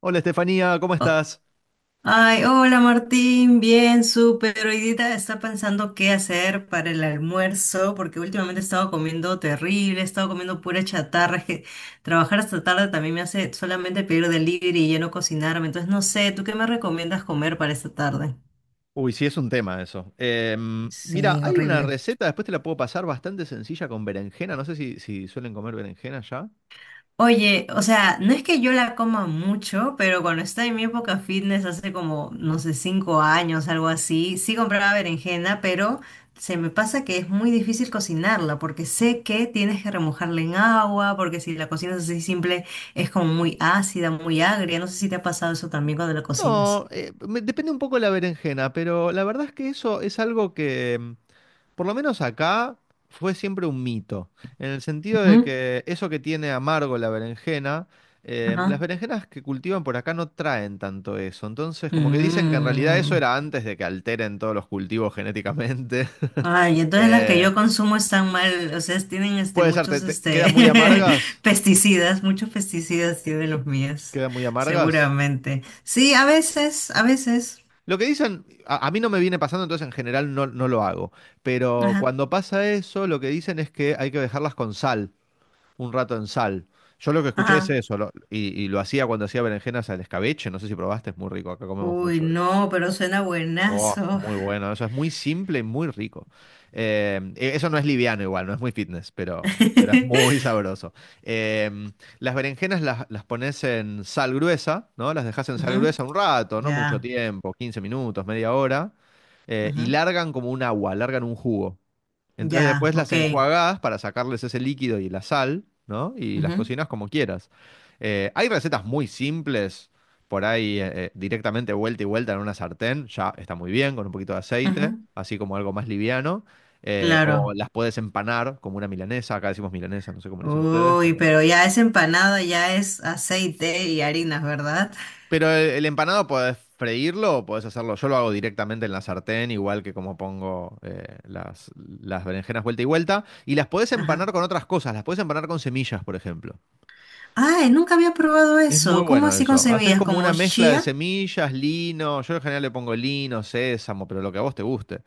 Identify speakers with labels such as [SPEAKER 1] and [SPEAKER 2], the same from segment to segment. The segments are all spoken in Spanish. [SPEAKER 1] Hola Estefanía, ¿cómo
[SPEAKER 2] Oh,
[SPEAKER 1] estás?
[SPEAKER 2] ay, hola Martín, bien, súper. Hoy día está pensando qué hacer para el almuerzo, porque últimamente he estado comiendo terrible, he estado comiendo pura chatarra. Es que trabajar hasta tarde también me hace solamente pedir delivery y ya no cocinarme. Entonces, no sé, ¿tú qué me recomiendas comer para esta tarde?
[SPEAKER 1] Uy, sí, es un tema eso. Mira,
[SPEAKER 2] Sí,
[SPEAKER 1] hay una
[SPEAKER 2] horrible.
[SPEAKER 1] receta, después te la puedo pasar, bastante sencilla con berenjena. No sé si suelen comer berenjena ya.
[SPEAKER 2] Oye, o sea, no es que yo la coma mucho, pero cuando estaba en mi época fitness hace como, no sé, 5 años, algo así, sí compraba berenjena, pero se me pasa que es muy difícil cocinarla porque sé que tienes que remojarla en agua, porque si la cocinas así simple es como muy ácida, muy agria. No sé si te ha pasado eso también cuando la
[SPEAKER 1] No,
[SPEAKER 2] cocinas.
[SPEAKER 1] depende un poco de la berenjena, pero la verdad es que eso es algo que, por lo menos acá fue siempre un mito, en el sentido de
[SPEAKER 2] Ujú.
[SPEAKER 1] que eso que tiene amargo la berenjena, las
[SPEAKER 2] Ajá.
[SPEAKER 1] berenjenas que cultivan por acá no traen tanto eso. Entonces, como que dicen que en realidad eso
[SPEAKER 2] Mm.
[SPEAKER 1] era antes de que alteren todos los cultivos genéticamente.
[SPEAKER 2] Ay, entonces las que
[SPEAKER 1] Eh,
[SPEAKER 2] yo consumo están mal, o sea, tienen este
[SPEAKER 1] puede ser,
[SPEAKER 2] muchos
[SPEAKER 1] quedan
[SPEAKER 2] este
[SPEAKER 1] muy amargas,
[SPEAKER 2] pesticidas, muchos pesticidas tienen los míos,
[SPEAKER 1] quedan muy amargas.
[SPEAKER 2] seguramente. Sí, a veces, a veces.
[SPEAKER 1] Lo que dicen, a mí no me viene pasando, entonces en general no lo hago. Pero
[SPEAKER 2] Ajá,
[SPEAKER 1] cuando pasa eso, lo que dicen es que hay que dejarlas con sal. Un rato en sal. Yo lo que escuché es
[SPEAKER 2] ajá.
[SPEAKER 1] eso, y lo hacía cuando hacía berenjenas al escabeche, no sé si probaste, es muy rico, acá comemos
[SPEAKER 2] Uy,
[SPEAKER 1] mucho eso.
[SPEAKER 2] no, pero suena
[SPEAKER 1] Oh,
[SPEAKER 2] buenazo.
[SPEAKER 1] muy bueno, eso es muy simple y muy rico. Eso no es liviano igual, no es muy fitness, pero es muy sabroso. Eh, las berenjenas las pones en sal gruesa, ¿no? Las dejas en sal
[SPEAKER 2] Ujú,
[SPEAKER 1] gruesa un rato, no mucho
[SPEAKER 2] ya,
[SPEAKER 1] tiempo, 15 minutos, media hora,
[SPEAKER 2] ujú,
[SPEAKER 1] y largan como un agua, largan un jugo. Entonces
[SPEAKER 2] ya,
[SPEAKER 1] después las
[SPEAKER 2] ok.
[SPEAKER 1] enjuagás para sacarles ese líquido y la sal, ¿no? Y las
[SPEAKER 2] Ujú,
[SPEAKER 1] cocinas como quieras. Hay recetas muy simples, por ahí directamente vuelta y vuelta en una sartén, ya está muy bien, con un poquito de aceite,
[SPEAKER 2] ujú,
[SPEAKER 1] así como algo más liviano. O
[SPEAKER 2] claro.
[SPEAKER 1] las puedes empanar como una milanesa, acá decimos milanesa, no sé cómo le dicen ustedes.
[SPEAKER 2] Uy, pero ya es empanada, ya es aceite y harinas, ¿verdad?
[SPEAKER 1] Pero el empanado podés freírlo o podés hacerlo. Yo lo hago directamente en la sartén, igual que como pongo las berenjenas vuelta y vuelta. Y las podés
[SPEAKER 2] Ajá.
[SPEAKER 1] empanar con otras cosas. Las podés empanar con semillas, por ejemplo.
[SPEAKER 2] Ay, nunca había probado
[SPEAKER 1] Es muy
[SPEAKER 2] eso. ¿Cómo
[SPEAKER 1] bueno
[SPEAKER 2] así con
[SPEAKER 1] eso. Haces
[SPEAKER 2] semillas?
[SPEAKER 1] como
[SPEAKER 2] ¿Como
[SPEAKER 1] una mezcla de
[SPEAKER 2] chía?
[SPEAKER 1] semillas, lino. Yo en general le pongo lino, sésamo, pero lo que a vos te guste,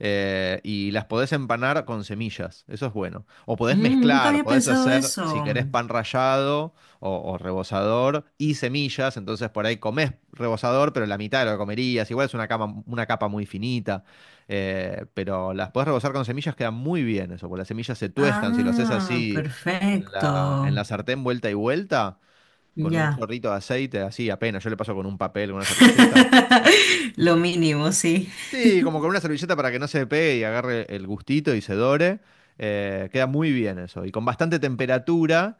[SPEAKER 1] y las podés empanar con semillas, eso es bueno. O podés
[SPEAKER 2] Mm, nunca
[SPEAKER 1] mezclar,
[SPEAKER 2] había
[SPEAKER 1] podés
[SPEAKER 2] pensado
[SPEAKER 1] hacer, si
[SPEAKER 2] eso.
[SPEAKER 1] querés, pan rallado o rebozador y semillas, entonces por ahí comés rebozador, pero la mitad de lo que comerías, igual es una capa muy finita, pero las podés rebozar con semillas, queda muy bien eso, porque las semillas se tuestan, si lo haces
[SPEAKER 2] Ah,
[SPEAKER 1] así
[SPEAKER 2] perfecto.
[SPEAKER 1] en la sartén vuelta y vuelta, con un
[SPEAKER 2] Ya.
[SPEAKER 1] chorrito de aceite, así apenas, yo le paso con un papel, con una servilleta.
[SPEAKER 2] Lo mínimo, sí.
[SPEAKER 1] Sí, como con una servilleta para que no se pegue y agarre el gustito y se dore. Queda muy bien eso. Y con bastante temperatura.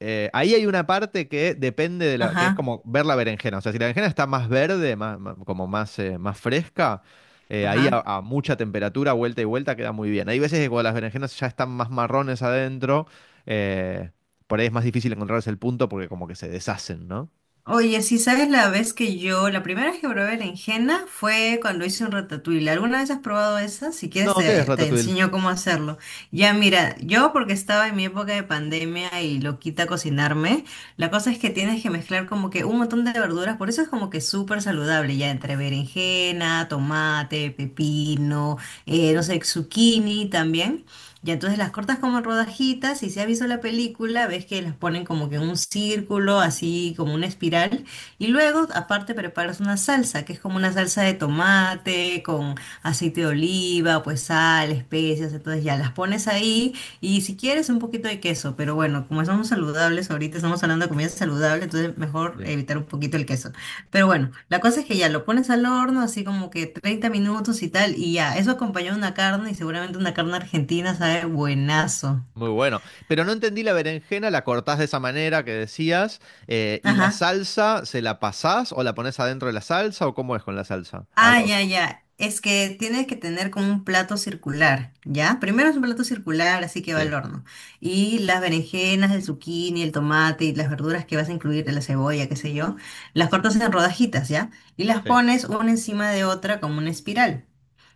[SPEAKER 1] Ahí hay una parte que depende de la, que es
[SPEAKER 2] Ajá,
[SPEAKER 1] como ver la berenjena. O sea, si la berenjena está más verde, como más, más fresca, ahí
[SPEAKER 2] ajá.
[SPEAKER 1] a mucha temperatura, vuelta y vuelta, queda muy bien. Hay veces que cuando las berenjenas ya están más marrones adentro, eh, por ahí es más difícil encontrarse el punto porque como que se deshacen, ¿no?
[SPEAKER 2] Oye, si sabes la vez que yo, la primera vez que probé berenjena fue cuando hice un ratatouille. ¿Alguna vez has probado esa? Si quieres
[SPEAKER 1] No, ¿qué es
[SPEAKER 2] te, te
[SPEAKER 1] Ratatouille?
[SPEAKER 2] enseño cómo hacerlo. Ya mira, yo porque estaba en mi época de pandemia y lo quita cocinarme, la cosa es que tienes que mezclar como que un montón de verduras, por eso es como que súper saludable, ya entre berenjena, tomate, pepino, no sé, zucchini también. Y entonces las cortas como en rodajitas y si has visto la película, ves que las ponen como que en un círculo, así como una espiral. Y luego, aparte, preparas una salsa, que es como una salsa de tomate con aceite de oliva, pues sal, especias. Entonces ya las pones ahí y si quieres un poquito de queso. Pero bueno, como somos saludables, ahorita estamos hablando de comida saludable, entonces mejor evitar un poquito el queso. Pero bueno, la cosa es que ya lo pones al horno, así como que 30 minutos y tal, y ya, eso acompañó una carne y seguramente una carne argentina sabe buenazo.
[SPEAKER 1] Muy bueno. Pero no entendí la berenjena, la cortás de esa manera que decías, y la
[SPEAKER 2] Ajá.
[SPEAKER 1] salsa, ¿se la pasás o la pones adentro de la salsa o cómo es con la salsa? Al
[SPEAKER 2] Ah, ya,
[SPEAKER 1] horno.
[SPEAKER 2] ya. Es que tienes que tener como un plato circular, ¿ya? Primero es un plato circular, así que va
[SPEAKER 1] Sí,
[SPEAKER 2] al horno. Y las berenjenas, el zucchini, el tomate y las verduras que vas a incluir, la cebolla, qué sé yo, las cortas en rodajitas, ¿ya? Y las
[SPEAKER 1] sí.
[SPEAKER 2] pones una encima de otra como una espiral.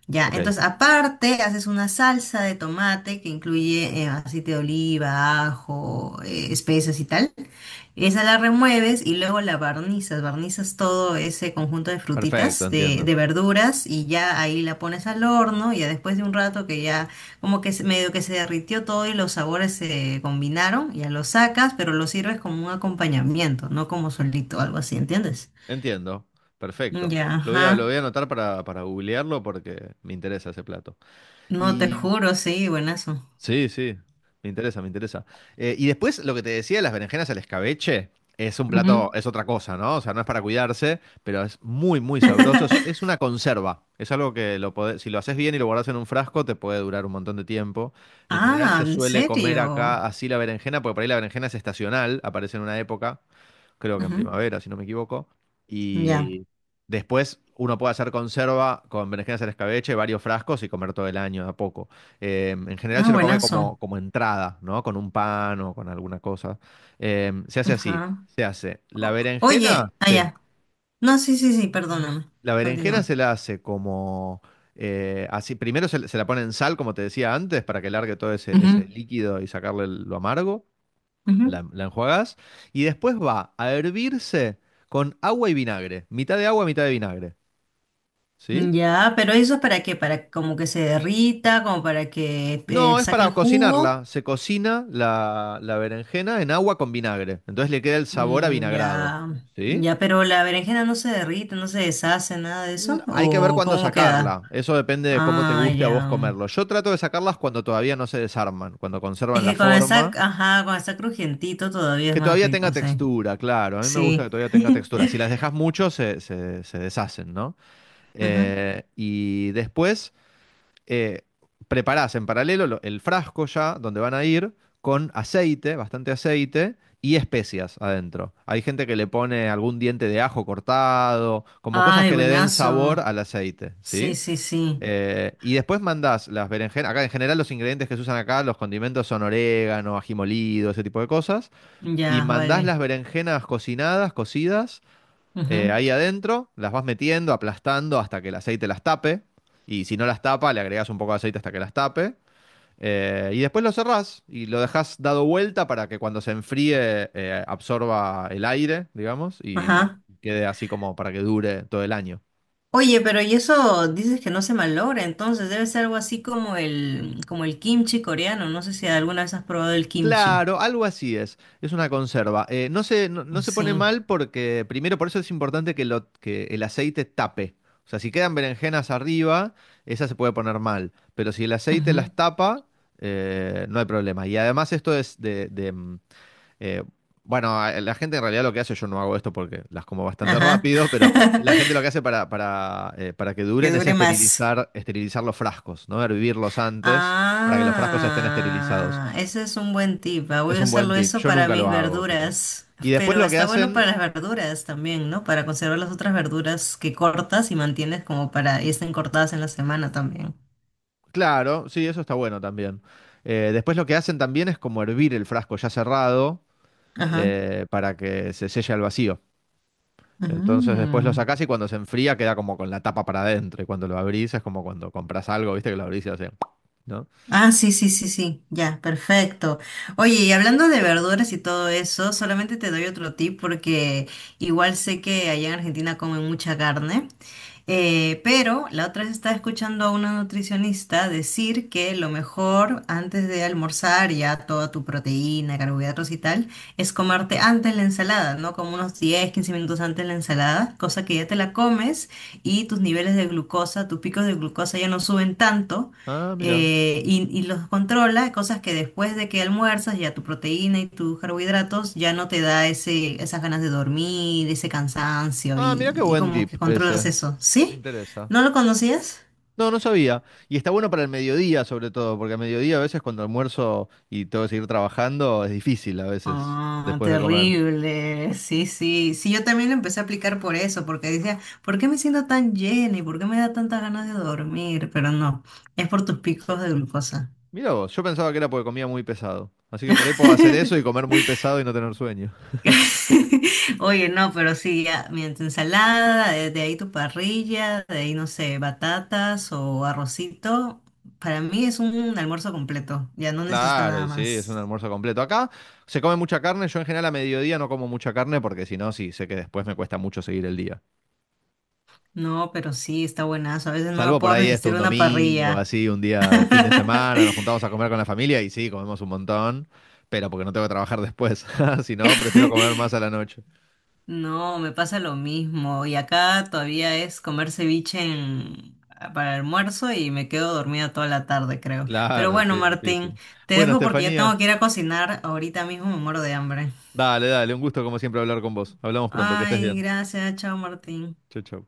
[SPEAKER 2] Ya,
[SPEAKER 1] Ok,
[SPEAKER 2] entonces aparte haces una salsa de tomate que incluye aceite de oliva, ajo, especias y tal. Esa la remueves y luego la barnizas, barnizas todo ese conjunto de
[SPEAKER 1] perfecto,
[SPEAKER 2] frutitas,
[SPEAKER 1] entiendo.
[SPEAKER 2] de verduras y ya ahí la pones al horno y ya después de un rato que ya como que se- medio que se derritió todo y los sabores se combinaron, ya lo sacas, pero lo sirves como un acompañamiento, no como solito, algo así, ¿entiendes?
[SPEAKER 1] Entiendo. Perfecto.
[SPEAKER 2] Ya,
[SPEAKER 1] Lo
[SPEAKER 2] ajá.
[SPEAKER 1] voy a anotar para googlearlo porque me interesa ese plato.
[SPEAKER 2] No te
[SPEAKER 1] Y
[SPEAKER 2] juro, sí, buenazo.
[SPEAKER 1] sí, sí, me interesa, me interesa. Y después lo que te decía, las berenjenas al escabeche, es un plato,
[SPEAKER 2] Ujú.
[SPEAKER 1] es otra cosa, ¿no? O sea, no es para cuidarse, pero es muy, muy sabroso. Es una conserva. Es algo que lo podés- si lo haces bien y lo guardas en un frasco, te puede durar un montón de tiempo. En general
[SPEAKER 2] Ah,
[SPEAKER 1] se
[SPEAKER 2] ¿en
[SPEAKER 1] suele comer
[SPEAKER 2] serio?
[SPEAKER 1] acá así la berenjena, porque por ahí la berenjena es estacional, aparece en una época creo que en
[SPEAKER 2] Ujú.
[SPEAKER 1] primavera, si no me equivoco.
[SPEAKER 2] Ya.
[SPEAKER 1] Y después uno puede hacer conserva con berenjenas al escabeche, varios frascos y comer todo el año de a poco. En general
[SPEAKER 2] Ah,
[SPEAKER 1] se lo come
[SPEAKER 2] buenazo.
[SPEAKER 1] como, como entrada, ¿no? Con un pan o con alguna cosa. Se hace así,
[SPEAKER 2] Ajá.
[SPEAKER 1] se hace. La
[SPEAKER 2] O-
[SPEAKER 1] berenjena,
[SPEAKER 2] oye,
[SPEAKER 1] sí.
[SPEAKER 2] allá. No, sí, sí, sí, perdóname.
[SPEAKER 1] La berenjena
[SPEAKER 2] Continúa.
[SPEAKER 1] se la hace como... así, primero se la pone en sal, como te decía antes, para que largue todo ese
[SPEAKER 2] Ujú,
[SPEAKER 1] líquido y sacarle el- lo amargo, la enjuagás y después va a hervirse con agua y vinagre, mitad de agua, mitad de vinagre,
[SPEAKER 2] ujú.
[SPEAKER 1] ¿sí?
[SPEAKER 2] Ya, pero eso es para qué, para como que se derrita, como para que
[SPEAKER 1] No, es
[SPEAKER 2] saque
[SPEAKER 1] para
[SPEAKER 2] el jugo.
[SPEAKER 1] cocinarla, se cocina la berenjena en agua con vinagre, entonces le queda el sabor a
[SPEAKER 2] Mm,
[SPEAKER 1] vinagrado,
[SPEAKER 2] ya,
[SPEAKER 1] ¿sí?
[SPEAKER 2] ya, pero la berenjena no se derrite, no se deshace, nada de
[SPEAKER 1] Mm,
[SPEAKER 2] eso.
[SPEAKER 1] hay que ver
[SPEAKER 2] ¿O
[SPEAKER 1] cuándo
[SPEAKER 2] cómo queda?
[SPEAKER 1] sacarla, eso depende de cómo te
[SPEAKER 2] Ah,
[SPEAKER 1] guste a vos
[SPEAKER 2] ya.
[SPEAKER 1] comerlo. Yo trato de sacarlas cuando todavía no se desarman, cuando
[SPEAKER 2] Es
[SPEAKER 1] conservan la
[SPEAKER 2] que cuando está,
[SPEAKER 1] forma.
[SPEAKER 2] ajá, cuando está crujientito todavía es
[SPEAKER 1] Que
[SPEAKER 2] más
[SPEAKER 1] todavía tenga
[SPEAKER 2] rico, sí.
[SPEAKER 1] textura, claro. A mí me gusta que
[SPEAKER 2] Sí.
[SPEAKER 1] todavía tenga textura. Si las dejas mucho, se deshacen, ¿no?
[SPEAKER 2] Ujú.
[SPEAKER 1] Y después eh, preparás en paralelo lo- el frasco ya, donde van a ir, con aceite, bastante aceite y especias adentro. Hay gente que le pone algún diente de ajo cortado, como cosas
[SPEAKER 2] Ay,
[SPEAKER 1] que le den sabor
[SPEAKER 2] buenazo.
[SPEAKER 1] al aceite,
[SPEAKER 2] Sí,
[SPEAKER 1] ¿sí?
[SPEAKER 2] sí, sí.
[SPEAKER 1] Y después mandás las berenjenas. Acá en general los ingredientes que se usan acá, los condimentos son orégano, ají molido, ese tipo de cosas. Y
[SPEAKER 2] Ya,
[SPEAKER 1] mandás
[SPEAKER 2] vale.
[SPEAKER 1] las berenjenas cocinadas, cocidas,
[SPEAKER 2] Ujú.
[SPEAKER 1] ahí adentro, las vas metiendo, aplastando hasta que el aceite las tape. Y si no las tapa, le agregás un poco de aceite hasta que las tape. Y después lo cerrás y lo dejás dado vuelta para que cuando se enfríe absorba el aire, digamos, y
[SPEAKER 2] Ajá.
[SPEAKER 1] quede así como para que dure todo el año.
[SPEAKER 2] Oye, pero y eso dices que no se malogra, entonces debe ser algo así como el kimchi coreano. No sé si alguna vez has probado el kimchi.
[SPEAKER 1] Claro, algo así es. Es una conserva. No se pone
[SPEAKER 2] Sí.
[SPEAKER 1] mal porque, primero, por eso es importante que, que el aceite tape. O sea, si quedan berenjenas arriba, esa se puede poner mal. Pero si el aceite las
[SPEAKER 2] Ujú.
[SPEAKER 1] tapa, no hay problema. Y además esto es de... eh, bueno, a- la gente en realidad lo que hace, yo no hago esto porque las como bastante
[SPEAKER 2] Ajá.
[SPEAKER 1] rápido, pero la gente lo que hace para que
[SPEAKER 2] Que
[SPEAKER 1] duren es
[SPEAKER 2] dure más.
[SPEAKER 1] esterilizar, esterilizar los frascos, ¿no? Hervirlos antes para que los frascos estén esterilizados.
[SPEAKER 2] Ah, ese es un buen tip. Ah, voy
[SPEAKER 1] Es
[SPEAKER 2] a
[SPEAKER 1] un buen
[SPEAKER 2] usarlo
[SPEAKER 1] tip.
[SPEAKER 2] eso
[SPEAKER 1] Yo
[SPEAKER 2] para
[SPEAKER 1] nunca lo
[SPEAKER 2] mis
[SPEAKER 1] hago, pero.
[SPEAKER 2] verduras.
[SPEAKER 1] Y después
[SPEAKER 2] Pero
[SPEAKER 1] lo que
[SPEAKER 2] está bueno
[SPEAKER 1] hacen,
[SPEAKER 2] para las verduras también, ¿no? Para conservar las otras verduras que cortas y mantienes como para y estén cortadas en la semana también.
[SPEAKER 1] claro, sí, eso está bueno también. Después lo que hacen también es como hervir el frasco ya cerrado,
[SPEAKER 2] Ajá.
[SPEAKER 1] para que se selle al vacío. Entonces después lo
[SPEAKER 2] Ujú.
[SPEAKER 1] sacás y cuando se enfría queda como con la tapa para adentro. Y cuando lo abrís es como cuando compras algo, viste que lo abrís y hace, ¿no?
[SPEAKER 2] Ah, sí, sí, sí, sí, ya, perfecto. Oye, y hablando de verduras y todo eso, solamente te doy otro tip porque igual sé que allá en Argentina comen mucha carne, pero la otra vez estaba escuchando a una nutricionista decir que lo mejor antes de almorzar ya toda tu proteína, carbohidratos y tal, es comerte antes la ensalada, ¿no? Como unos 10, 15 minutos antes la ensalada, cosa que ya te la comes y tus niveles de glucosa, tus picos de glucosa ya no suben tanto
[SPEAKER 1] Ah, mira.
[SPEAKER 2] y los controla, cosas que después de que almuerzas, ya tu proteína y tus carbohidratos ya no te da ese, esas ganas de dormir, ese cansancio
[SPEAKER 1] Ah, mira qué
[SPEAKER 2] y
[SPEAKER 1] buen
[SPEAKER 2] como
[SPEAKER 1] tip
[SPEAKER 2] que controlas
[SPEAKER 1] ese.
[SPEAKER 2] eso.
[SPEAKER 1] Me
[SPEAKER 2] ¿Sí?
[SPEAKER 1] interesa.
[SPEAKER 2] ¿No lo conocías?
[SPEAKER 1] No, no sabía. Y está bueno para el mediodía, sobre todo, porque a mediodía a veces cuando almuerzo y tengo que seguir trabajando, es difícil a veces
[SPEAKER 2] Ah,
[SPEAKER 1] después de comer.
[SPEAKER 2] terrible. Sí, sí. Sí, yo también lo empecé a aplicar por eso, porque decía, ¿por qué me siento tan llena y por qué me da tantas ganas de dormir? Pero no, es por tus picos de glucosa.
[SPEAKER 1] Mira vos, yo pensaba que era porque comía muy pesado. Así que por ahí puedo hacer eso y comer muy pesado y no tener sueño.
[SPEAKER 2] Oye, no, pero sí, ya, mira, tu ensalada, de ahí tu parrilla, de ahí, no sé, batatas o arrocito. Para mí es un almuerzo completo, ya no necesito
[SPEAKER 1] Claro,
[SPEAKER 2] nada
[SPEAKER 1] y sí, es
[SPEAKER 2] más.
[SPEAKER 1] un almuerzo completo. Acá se come mucha carne, yo en general a mediodía no como mucha carne porque si no, sí, sé que después me cuesta mucho seguir el día.
[SPEAKER 2] No, pero sí, está buenazo. A veces no me
[SPEAKER 1] Salvo por
[SPEAKER 2] puedo
[SPEAKER 1] ahí esto,
[SPEAKER 2] resistir
[SPEAKER 1] un
[SPEAKER 2] una
[SPEAKER 1] domingo,
[SPEAKER 2] parrilla.
[SPEAKER 1] así, un día de fin de semana, nos juntamos a comer con la familia y sí, comemos un montón, pero porque no tengo que trabajar después. Si no, prefiero comer más a la noche.
[SPEAKER 2] No, me pasa lo mismo. Y acá todavía es comer ceviche en- ah, para almuerzo y me quedo dormida toda la tarde, creo. Pero
[SPEAKER 1] Claro,
[SPEAKER 2] bueno,
[SPEAKER 1] sí,
[SPEAKER 2] Martín,
[SPEAKER 1] difícil.
[SPEAKER 2] te
[SPEAKER 1] Bueno,
[SPEAKER 2] dejo porque ya
[SPEAKER 1] Estefanía,
[SPEAKER 2] tengo que ir a cocinar. Ahorita mismo me muero de hambre.
[SPEAKER 1] dale, dale, un gusto como siempre hablar con vos. Hablamos pronto, que estés
[SPEAKER 2] Ay,
[SPEAKER 1] bien.
[SPEAKER 2] gracias. Chao, Martín.
[SPEAKER 1] Chau, chau.